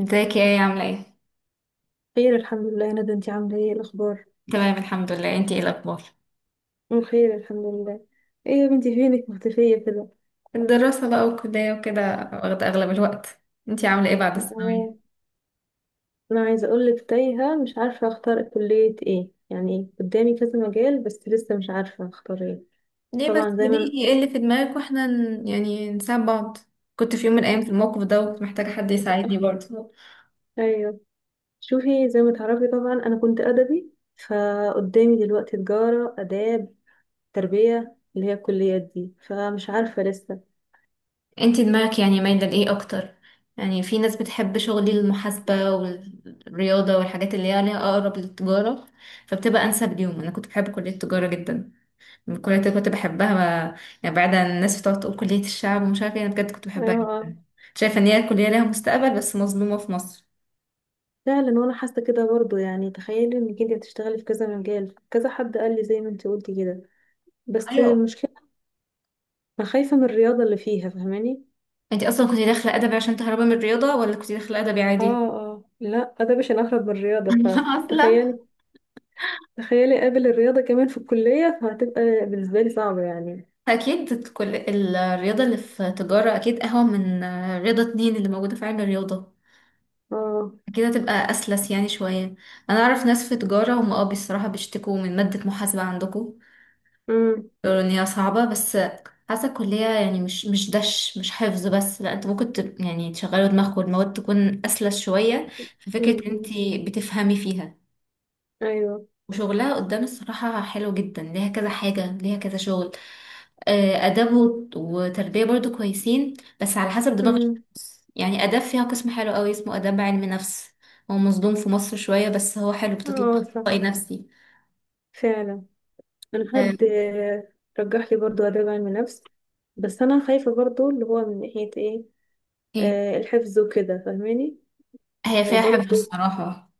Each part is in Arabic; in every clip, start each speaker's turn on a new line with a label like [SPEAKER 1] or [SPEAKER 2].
[SPEAKER 1] ازيك يا ايه؟ عاملة ايه؟
[SPEAKER 2] خير الحمد لله يا ندى، انتي عاملة ايه الأخبار؟
[SPEAKER 1] تمام الحمد لله، انتي ايه الأخبار؟
[SPEAKER 2] بخير الحمد لله. ايه يا بنتي فينك مختفية كده؟
[SPEAKER 1] الدراسة بقى والكلية وكده، واخدة أغلب الوقت. انتي عاملة ايه بعد
[SPEAKER 2] اه،
[SPEAKER 1] الثانوية؟
[SPEAKER 2] أنا عايزة أقولك تايهة، مش عارفة أختار كلية ايه. يعني قدامي كذا مجال بس لسه مش عارفة أختار ايه.
[SPEAKER 1] ليه بس؟
[SPEAKER 2] طبعا زي ما...
[SPEAKER 1] قوليلي ايه اللي في دماغك واحنا نساعد بعض. كنت في يوم من الأيام في الموقف ده، وكنت محتاجة حد يساعدني برضه.
[SPEAKER 2] أيوه. شوفي، زي ما تعرفي طبعا، أنا كنت أدبي. فقدامي دلوقتي تجارة، آداب، تربية، اللي هي الكليات دي، فمش عارفة لسه.
[SPEAKER 1] انتي دماغك يعني مايلة لإيه أكتر؟ يعني في ناس بتحب شغل المحاسبة والرياضة والحاجات اللي هي ليها أقرب للتجارة، فبتبقى أنسب ليهم. أنا كنت بحب كلية التجارة جدا، الكلية دي كنت بحبها. يعني بعد عن الناس بتقعد تقول كلية الشعب ومش عارفة ايه، انا بجد كنت بحبها
[SPEAKER 2] اه،
[SPEAKER 1] جدا. شايفة ان هي كلية لها مستقبل بس مظلومة في مصر.
[SPEAKER 2] فعلا وانا حاسه كده برضو. يعني تخيلي انك انت بتشتغلي في كذا مجال، كذا حد قال لي زي ما انت قلتي كده. بس
[SPEAKER 1] ايوه.
[SPEAKER 2] المشكله، انا خايفه من الرياضه اللي فيها، فاهماني.
[SPEAKER 1] انتي اصلا كنتي داخلة ادبي عشان تهربي من الرياضة، ولا كنتي داخلة ادبي
[SPEAKER 2] اه
[SPEAKER 1] عادي؟
[SPEAKER 2] اه، لا ده مش هنخرج من الرياضه.
[SPEAKER 1] اصلا
[SPEAKER 2] فتخيلي قابل الرياضه كمان في الكليه فهتبقى بالنسبه لي صعبه يعني.
[SPEAKER 1] اكيد كل الرياضة اللي في تجارة اكيد اهون من رياضة اتنين اللي موجودة في علم الرياضة.
[SPEAKER 2] اه.
[SPEAKER 1] اكيد هتبقى اسلس يعني شوية. انا اعرف ناس في تجارة، هم اه بصراحة بيشتكوا من مادة محاسبة عندكم،
[SPEAKER 2] امم،
[SPEAKER 1] يقولوا ان هي صعبة. بس حاسة الكلية يعني مش حفظ بس، لا، انت ممكن تب يعني تشغلوا دماغك، والمواد تكون اسلس شوية. في فكرة
[SPEAKER 2] امم،
[SPEAKER 1] ان انت
[SPEAKER 2] أمم.
[SPEAKER 1] بتفهمي فيها،
[SPEAKER 2] ايوه.
[SPEAKER 1] وشغلها قدام الصراحة حلو جدا، ليها كذا حاجة، ليها كذا شغل. آداب وتربية برضو كويسين، بس على حسب دماغ
[SPEAKER 2] امم.
[SPEAKER 1] الشخص. يعني آداب فيها قسم حلو قوي اسمه آداب علم نفس، هو مظلوم في مصر شوية بس هو حلو، بتطلع
[SPEAKER 2] اه صح،
[SPEAKER 1] أخصائي نفسي.
[SPEAKER 2] فعلا. انا
[SPEAKER 1] آه،
[SPEAKER 2] حد رجح لي برضو اداب علم نفس، بس انا خايفه برضو، اللي هو من ناحيه ايه.
[SPEAKER 1] إيه.
[SPEAKER 2] آه، الحفظ وكده فاهماني.
[SPEAKER 1] هي فيها حفظ
[SPEAKER 2] وبرضه.
[SPEAKER 1] الصراحة.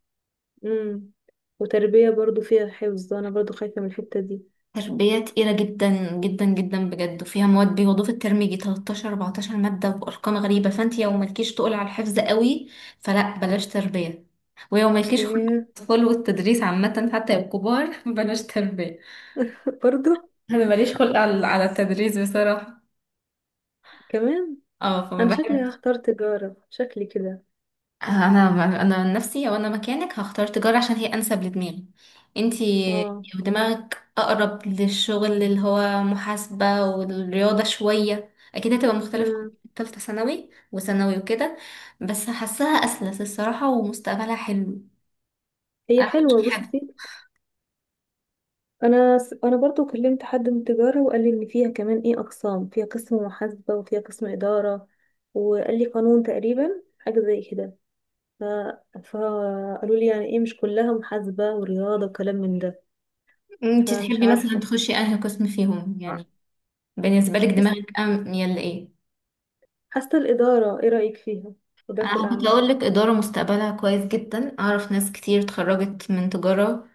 [SPEAKER 2] امم وتربية برضه فيها حفظ، انا برضه خايفة من الحتة دي.
[SPEAKER 1] تربية تقيلة جدا جدا جدا بجد، وفيها مواد بيوضوا في الترم يجي 13 14 مادة وأرقام غريبة، فأنت لو مالكيش تقول على الحفظ قوي فلا، بلاش تربية. ولو مالكيش خلق على
[SPEAKER 2] ايه.
[SPEAKER 1] الأطفال والتدريس عامة حتى الكبار بلاش تربية.
[SPEAKER 2] برضه
[SPEAKER 1] أنا ماليش خلق على التدريس بصراحة،
[SPEAKER 2] كمان.
[SPEAKER 1] اه فما
[SPEAKER 2] انا شكلي
[SPEAKER 1] بحبش.
[SPEAKER 2] هختار تجارة، شكلي كده.
[SPEAKER 1] أنا أنا عن نفسي لو أنا مكانك هختار تجارة، عشان هي أنسب لدماغي. انتي
[SPEAKER 2] اه.
[SPEAKER 1] ودماغك أقرب للشغل اللي هو محاسبة والرياضة شوية، أكيد هتبقى مختلفة عن
[SPEAKER 2] امم.
[SPEAKER 1] تالتة ثانوي وثانوي وكده، بس حاساها أسلس الصراحة، ومستقبلها حلو.
[SPEAKER 2] هي حلوة
[SPEAKER 1] أحسن حاجة،
[SPEAKER 2] بصي. انا برضه كلمت حد من التجارة، وقال لي ان فيها كمان ايه اقسام، فيها قسم محاسبة وفيها قسم إدارة. وقال لي قانون تقريبا، حاجة زي كده. ف... فقالوا لي يعني ايه، مش كلها محاسبة ورياضة وكلام من ده.
[SPEAKER 1] أنت
[SPEAKER 2] فمش
[SPEAKER 1] تحبي مثلا
[SPEAKER 2] عارفة.
[SPEAKER 1] تخشي أنهي قسم فيهم يعني؟ بالنسبة لك
[SPEAKER 2] بس
[SPEAKER 1] دماغك يلا إيه؟
[SPEAKER 2] حاسة الإدارة إيه رأيك فيها؟ إدارة
[SPEAKER 1] أنا كنت
[SPEAKER 2] الأعمال.
[SPEAKER 1] أقول لك إدارة مستقبلها كويس جدا، أعرف ناس كتير اتخرجت من تجارة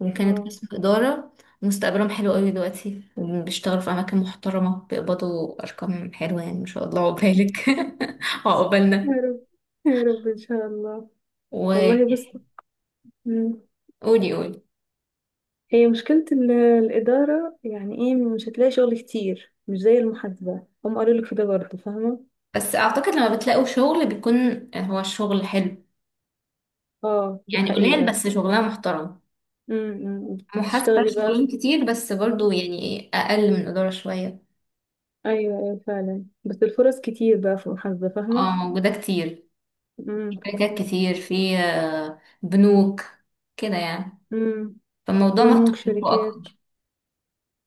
[SPEAKER 1] وكانت
[SPEAKER 2] آه.
[SPEAKER 1] قسم إدارة، مستقبلهم حلو قوي دلوقتي، بيشتغلوا في أماكن محترمة، بيقبضوا أرقام حلوة يعني. ما شاء الله عقبالك
[SPEAKER 2] يا
[SPEAKER 1] وعقبالنا.
[SPEAKER 2] رب، يا رب إن شاء الله.
[SPEAKER 1] وقولي،
[SPEAKER 2] والله بص. مم.
[SPEAKER 1] قولي،
[SPEAKER 2] هي مشكلة الإدارة، يعني إيه، مش هتلاقي شغل كتير مش زي المحاسبة، هم قالوا لك في ده برضه فاهمة.
[SPEAKER 1] بس أعتقد لما بتلاقوا شغل بيكون هو الشغل حلو،
[SPEAKER 2] آه دي
[SPEAKER 1] يعني قليل
[SPEAKER 2] حقيقة.
[SPEAKER 1] بس شغلها محترم.
[SPEAKER 2] امم.
[SPEAKER 1] محاسبة
[SPEAKER 2] تشتغلي
[SPEAKER 1] شغلهم
[SPEAKER 2] بقى.
[SPEAKER 1] كتير بس برضو يعني أقل من إدارة شوية.
[SPEAKER 2] أيوة أيوة فعلا، بس الفرص كتير بقى في المحاسبة، فاهمة.
[SPEAKER 1] اه موجودة كتير،
[SPEAKER 2] امم،
[SPEAKER 1] شركات كتير، في بنوك كده يعني،
[SPEAKER 2] امم.
[SPEAKER 1] فالموضوع
[SPEAKER 2] بنوك،
[SPEAKER 1] مفتوح لكم
[SPEAKER 2] شركات.
[SPEAKER 1] أكتر.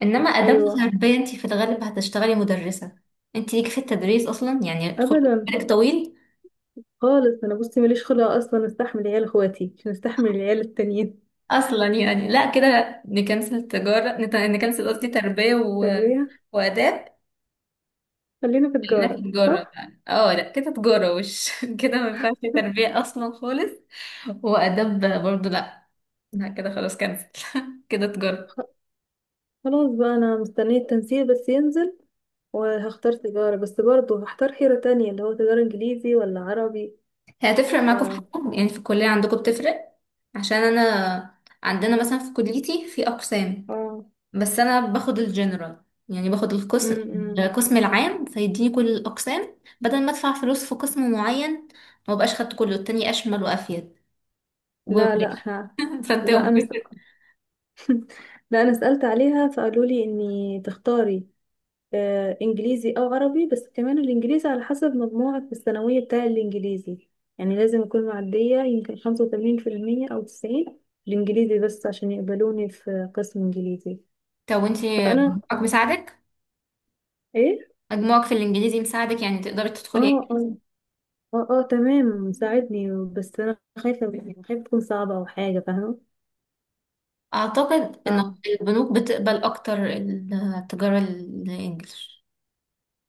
[SPEAKER 1] انما اداب
[SPEAKER 2] أيوة.
[SPEAKER 1] غربيه، انت في الغالب هتشتغلي مدرسه. انت ليك في التدريس اصلا يعني؟ خد
[SPEAKER 2] أبدا،
[SPEAKER 1] بالك طويل
[SPEAKER 2] خالص. أنا بصي ماليش خلق أصلا أستحمل عيال إخواتي، مش مستحمل العيال التانيين.
[SPEAKER 1] اصلا يعني؟ لا، كده نكنسل قصدي تربيه و...
[SPEAKER 2] تربية.
[SPEAKER 1] واداب.
[SPEAKER 2] خلينا في
[SPEAKER 1] خلينا في
[SPEAKER 2] تجارة
[SPEAKER 1] تجاره
[SPEAKER 2] صح؟
[SPEAKER 1] يعني. اه لا كده تجاره وش كده ما ينفعش تربيه اصلا خالص، واداب برضو لا. لا كده خلاص، كنسل كده تجاره.
[SPEAKER 2] خلاص بقى، أنا مستنية التنسيق بس ينزل، وهختار تجارة، بس برضه هختار حيرة تانية اللي هو تجارة إنجليزي ولا عربي.
[SPEAKER 1] هي هتفرق
[SPEAKER 2] ف،
[SPEAKER 1] معاكم في حاجه يعني في الكليه؟ عندكم بتفرق؟ عشان انا عندنا مثلا في كليتي في اقسام،
[SPEAKER 2] اه،
[SPEAKER 1] بس انا باخد الجنرال يعني، باخد القسم،
[SPEAKER 2] امم.
[SPEAKER 1] القسم العام فيديني كل الاقسام بدل ما ادفع فلوس في قسم معين. ما بقاش خدت كله، التاني اشمل وافيد،
[SPEAKER 2] لا لا
[SPEAKER 1] وبلاش.
[SPEAKER 2] احنا.
[SPEAKER 1] فانت
[SPEAKER 2] لا أنا لا أنا سألت عليها فقالوا لي إني تختاري آه إنجليزي أو عربي، بس كمان الإنجليزي على حسب مجموعك في الثانوية بتاع الإنجليزي. يعني لازم أكون معدية يمكن 85% أو 90 في الإنجليزي، بس عشان يقبلوني في قسم إنجليزي.
[SPEAKER 1] طب وانت
[SPEAKER 2] انا
[SPEAKER 1] مجموعك مساعدك؟
[SPEAKER 2] ايه.
[SPEAKER 1] مجموعك في الانجليزي مساعدك يعني تقدري تدخلي
[SPEAKER 2] اه
[SPEAKER 1] ايه؟
[SPEAKER 2] اه اه اه تمام، ساعدني، بس انا خايفه يعني، خايفه تكون صعبه او حاجه فاهمه.
[SPEAKER 1] اعتقد
[SPEAKER 2] ف،
[SPEAKER 1] ان البنوك بتقبل اكتر التجاره الانجليش.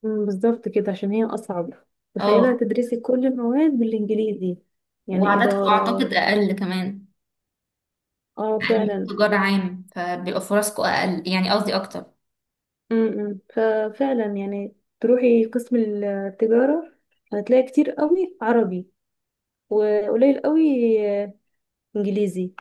[SPEAKER 2] مم، بالظبط كده عشان هي اصعب. تخيلها
[SPEAKER 1] اه،
[SPEAKER 2] تدرسي كل المواد بالانجليزي، يعني
[SPEAKER 1] وعددكم اعتقد
[SPEAKER 2] اداره.
[SPEAKER 1] اقل كمان،
[SPEAKER 2] اه فعلا.
[SPEAKER 1] تجاره عام فبيبقى فرصكم اقل، يعني قصدي اكتر.
[SPEAKER 2] امم، ففعلا يعني تروحي قسم التجاره هتلاقي كتير قوي عربي وقليل قوي آه، انجليزي.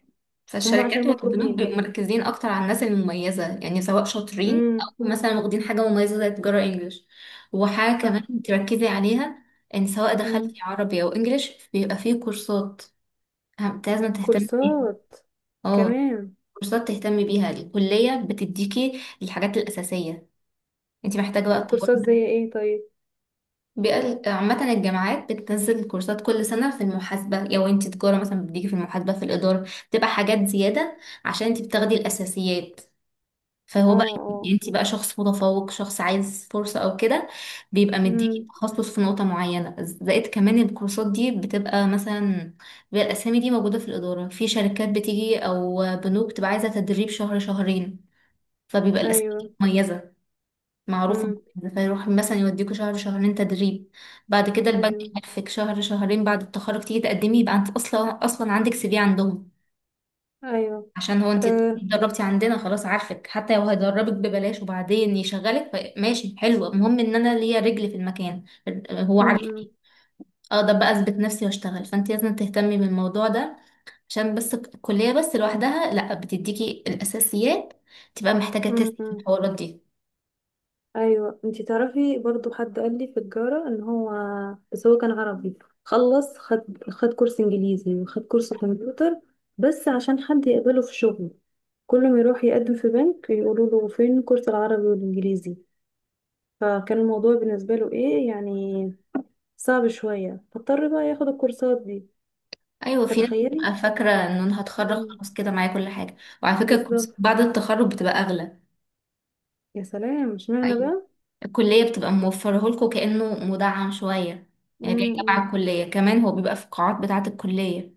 [SPEAKER 2] هم
[SPEAKER 1] فالشركات
[SPEAKER 2] عشان
[SPEAKER 1] والبنوك
[SPEAKER 2] مطلوبين.
[SPEAKER 1] بيبقوا مركزين اكتر على الناس المميزه، يعني سواء شاطرين،
[SPEAKER 2] امم.
[SPEAKER 1] او مثلا واخدين حاجه مميزه زي تجاره انجليش. وحاجه
[SPEAKER 2] صح.
[SPEAKER 1] كمان تركزي عليها، ان سواء
[SPEAKER 2] امم.
[SPEAKER 1] دخلتي عربي او انجليش بيبقى فيه كورسات لازم تهتمي بيها.
[SPEAKER 2] كورسات
[SPEAKER 1] اه
[SPEAKER 2] كمان.
[SPEAKER 1] كورسات تهتمي بيها، الكليه بتديكي الحاجات الاساسيه، انت محتاجه بقى
[SPEAKER 2] كورسات
[SPEAKER 1] تطورها.
[SPEAKER 2] زي ايه طيب.
[SPEAKER 1] عامة الجامعات بتنزل كورسات كل سنة في المحاسبة. لو انت تجارة مثلا بتديكي في المحاسبة، في الإدارة بتبقى حاجات زيادة، عشان انت بتاخدي الأساسيات.
[SPEAKER 2] اه
[SPEAKER 1] فهو بقى،
[SPEAKER 2] اه.
[SPEAKER 1] انت بقى شخص متفوق، شخص عايز فرصة او كده، بيبقى مديكي
[SPEAKER 2] امم.
[SPEAKER 1] تخصص في نقطة معينة. زائد كمان الكورسات دي بتبقى مثلا، بيبقى الاسامي دي موجودة في الإدارة، في شركات بتيجي او بنوك بتبقى عايزة تدريب شهر شهرين، فبيبقى الاسامي دي
[SPEAKER 2] ايوه.
[SPEAKER 1] مميزة معروفة.
[SPEAKER 2] امم.
[SPEAKER 1] فيروح مثلا يوديكوا شهر شهرين تدريب، بعد كده البنك
[SPEAKER 2] ايوه
[SPEAKER 1] يعرفك شهر شهرين، بعد التخرج تيجي تقدمي يبقى انت اصلا عندك سي في عندهم.
[SPEAKER 2] ايوه.
[SPEAKER 1] عشان هو انت
[SPEAKER 2] آه.
[SPEAKER 1] اتدربتي عندنا، خلاص عارفك. حتى لو هيدربك ببلاش وبعدين يشغلك ماشي حلو، المهم ان انا ليا رجل في المكان، هو
[SPEAKER 2] امم،
[SPEAKER 1] عارفني، اقدر بقى اثبت نفسي واشتغل. فانت لازم تهتمي بالموضوع ده، عشان بس الكلية بس لوحدها لا بتديكي الاساسيات، تبقى محتاجة تسأل في
[SPEAKER 2] امم.
[SPEAKER 1] الحوارات دي.
[SPEAKER 2] ايوه، انتي تعرفي برضو حد قال لي في التجارة ان هو، بس هو كان عربي، خلص خد خد كورس انجليزي وخد كورس كمبيوتر بس عشان حد يقبله في شغل. كل ما يروح يقدم في بنك يقولوا له فين كورس العربي والانجليزي. فكان الموضوع بالنسبة له ايه يعني صعب شوية، فاضطر بقى ياخد الكورسات دي.
[SPEAKER 1] ايوه في ناس
[SPEAKER 2] فتخيلي.
[SPEAKER 1] بتبقى فاكرة ان انا هتخرج
[SPEAKER 2] مم.
[SPEAKER 1] خلاص كده معايا كل حاجة. وعلى فكرة الكورسات
[SPEAKER 2] بالظبط.
[SPEAKER 1] بعد التخرج بتبقى اغلى.
[SPEAKER 2] يا سلام اشمعنى
[SPEAKER 1] ايوه،
[SPEAKER 2] بقى.
[SPEAKER 1] الكلية بتبقى موفره لكم كأنه مدعم شوية، يعني جاي تبع
[SPEAKER 2] امم.
[SPEAKER 1] الكلية، كمان هو بيبقى في القاعات بتاعة الكلية،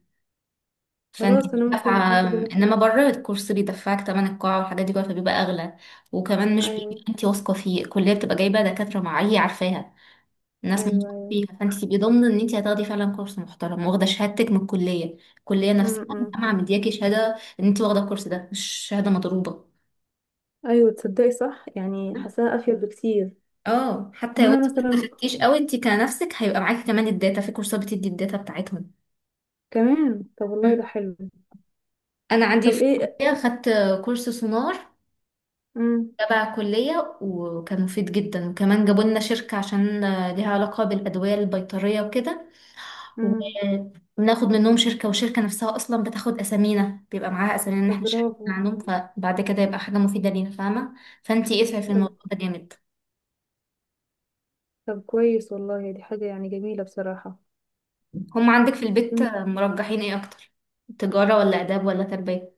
[SPEAKER 1] فانت
[SPEAKER 2] خلاص
[SPEAKER 1] مش
[SPEAKER 2] انا ممكن
[SPEAKER 1] دافعة.
[SPEAKER 2] افضل مثلا.
[SPEAKER 1] انما بره الكورس بيدفعك تمن القاعة والحاجات دي كلها، فبيبقى اغلى. وكمان مش بيبقى
[SPEAKER 2] ايوه
[SPEAKER 1] انت واثقة فيه، الكلية بتبقى جايبة دكاترة معايا عارفاها، الناس
[SPEAKER 2] ايوه
[SPEAKER 1] موثوقة
[SPEAKER 2] ايوه.
[SPEAKER 1] فيها، فانت تبقي ضامنة ان انت هتاخدي فعلا كورس محترم، واخدة شهادتك من الكلية، الكلية نفسها،
[SPEAKER 2] امم.
[SPEAKER 1] الجامعة مدياكي شهادة ان انت واخدة الكورس ده، مش شهادة مضروبة.
[SPEAKER 2] ايوه تصدقي صح، يعني حاساها افيد بكتير.
[SPEAKER 1] اه حتى لو
[SPEAKER 2] هنا
[SPEAKER 1] انت ما
[SPEAKER 2] مثلا
[SPEAKER 1] استفدتيش قوي، انت كنفسك هيبقى معاكي كمان الداتا، في كورسات بتدي الداتا بتاعتهم.
[SPEAKER 2] كمان. طب والله
[SPEAKER 1] مم.
[SPEAKER 2] ده حلو.
[SPEAKER 1] انا عندي
[SPEAKER 2] طب
[SPEAKER 1] في
[SPEAKER 2] ايه.
[SPEAKER 1] الكليه خدت كورس سونار
[SPEAKER 2] امم،
[SPEAKER 1] تبع الكليه، وكان مفيد جدا، وكمان جابوا لنا شركه عشان ليها علاقه بالادويه البيطريه وكده.
[SPEAKER 2] امم.
[SPEAKER 1] وبناخد منهم شركه، والشركه نفسها اصلا بتاخد اسامينا، بيبقى معاها اسامينا ان
[SPEAKER 2] طب
[SPEAKER 1] احنا مش عارفين
[SPEAKER 2] برافو.
[SPEAKER 1] عنهم، فبعد كده يبقى حاجه مفيده لينا، فاهمه؟ فانت اسعي في
[SPEAKER 2] طب،
[SPEAKER 1] الموضوع ده جامد.
[SPEAKER 2] طب كويس والله، دي حاجة يعني جميلة بصراحة.
[SPEAKER 1] هم عندك في البيت
[SPEAKER 2] مم.
[SPEAKER 1] مرجحين ايه اكتر، تجاره ولا اداب ولا تربيه؟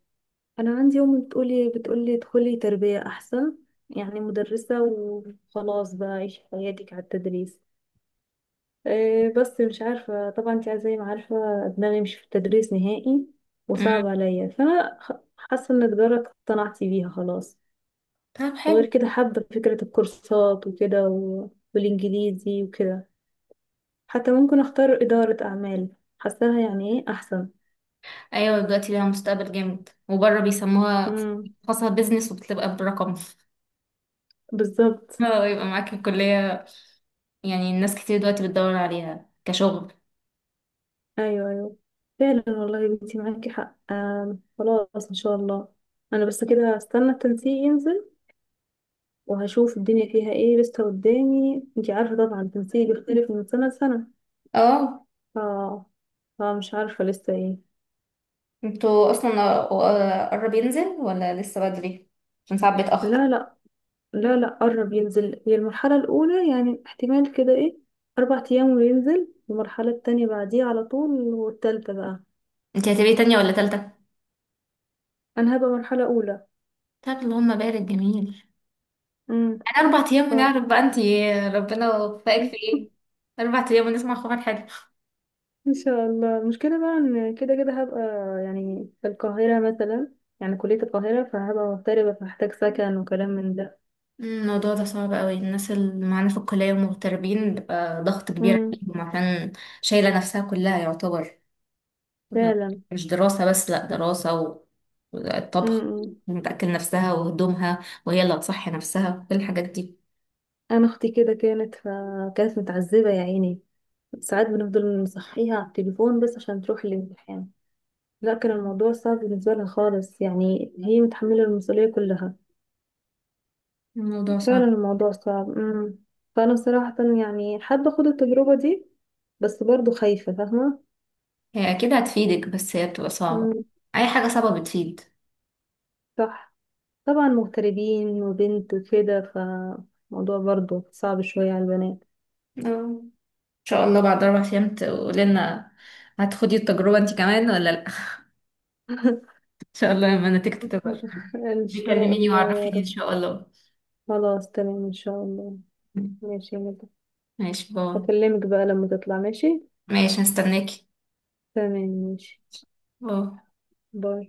[SPEAKER 2] انا عندي امي بتقولي بتقولي ادخلي تربية احسن، يعني مدرسة وخلاص بقى، عيشي حياتك على التدريس. إيه، بس مش عارفة، طبعا انت زي ما عارفة دماغي مش في التدريس نهائي وصعب عليا. فأنا حاسة ان تجارة اقتنعت بيها خلاص.
[SPEAKER 1] طب
[SPEAKER 2] وغير
[SPEAKER 1] حلو.
[SPEAKER 2] كده حابة فكرة الكورسات وكده و... والإنجليزي وكده. حتى ممكن أختار إدارة أعمال، حاساها يعني ايه أحسن.
[SPEAKER 1] ايوه دلوقتي ليها مستقبل جامد، وبره بيسموها
[SPEAKER 2] امم.
[SPEAKER 1] خاصة بيزنس، وبتبقى برقم
[SPEAKER 2] بالظبط.
[SPEAKER 1] اه، يبقى معاك الكلية يعني. الناس كتير دلوقتي بتدور عليها كشغل.
[SPEAKER 2] أيوه أيوه فعلا والله يا بنتي معاكي حق، خلاص إن شاء الله. أنا بس كده هستنى التنسيق ينزل وهشوف الدنيا فيها ايه لسه قدامي. انتي عارفة طبعا تنسيق بيختلف من سنة لسنة.
[SPEAKER 1] اه،
[SPEAKER 2] ف... فمش عارفة لسه ايه.
[SPEAKER 1] انتوا اصلا قرب ينزل ولا لسه بدري؟ عشان ساعات بيتأخر.
[SPEAKER 2] لا لا. لا لا قرب ينزل. هي المرحلة الأولى، يعني احتمال كده ايه، 4 أيام وينزل، والمرحلة التانية بعديها على طول، والتالتة بقى.
[SPEAKER 1] انتي هتبقي تانية ولا تالتة؟
[SPEAKER 2] أنا هبقى مرحلة أولى.
[SPEAKER 1] طب اللهم بارك، جميل.
[SPEAKER 2] امم.
[SPEAKER 1] انا 4 ايام
[SPEAKER 2] ف
[SPEAKER 1] ونعرف بقى انتي ربنا وفقك في ايه. اربع ايام ونسمع خبر حلو.
[SPEAKER 2] إن شاء الله. المشكلة بقى إن كده كده هبقى يعني في القاهرة مثلا، يعني كلية القاهرة، فهبقى مغتربة فهحتاج سكن وكلام من ده.
[SPEAKER 1] الموضوع ده صعب قوي، الناس اللي معانا في الكلية ومغتربين بيبقى ضغط كبير
[SPEAKER 2] امم.
[SPEAKER 1] عليهم، عشان شايلة نفسها كلها يعتبر،
[SPEAKER 2] فعلا.
[SPEAKER 1] مش دراسة بس، لأ، دراسة والطبخ،
[SPEAKER 2] امم.
[SPEAKER 1] وتأكل نفسها وهدومها، وهي اللي هتصحي نفسها، كل الحاجات دي.
[SPEAKER 2] انا اختي كده كانت، فكانت متعذبه يا عيني، ساعات بنفضل نصحيها على التليفون بس عشان تروح الامتحان. لا كان الموضوع صعب بالنسبه لها خالص، يعني هي متحمله المسؤوليه كلها.
[SPEAKER 1] الموضوع
[SPEAKER 2] فعلا
[SPEAKER 1] صعب.
[SPEAKER 2] الموضوع صعب. امم. فانا صراحه يعني حابه اخد التجربه دي بس برضو خايفه فاهمه.
[SPEAKER 1] هي أكيد هتفيدك بس هي بتبقى صعبة،
[SPEAKER 2] امم.
[SPEAKER 1] أي حاجة صعبة بتفيد.
[SPEAKER 2] صح. طبعا مغتربين وبنت وكده فالموضوع برضو صعب شويه على البنات.
[SPEAKER 1] آه. إن شاء الله بعد 4 أيام تقولي لنا هتخدي التجربة أنت كمان ولا لأ إن شاء الله لما نتيجتك تظهر
[SPEAKER 2] ان شاء
[SPEAKER 1] بيكلميني
[SPEAKER 2] الله يا
[SPEAKER 1] وعرفيني إن
[SPEAKER 2] رب.
[SPEAKER 1] شاء الله.
[SPEAKER 2] خلاص تمام ان شاء الله. ماشي يا مدحت.
[SPEAKER 1] ماشي، باي.
[SPEAKER 2] هكلمك بقى لما تطلع ماشي.
[SPEAKER 1] ماشي هستناكي.
[SPEAKER 2] تمام ماشي.
[SPEAKER 1] باي.
[SPEAKER 2] باي.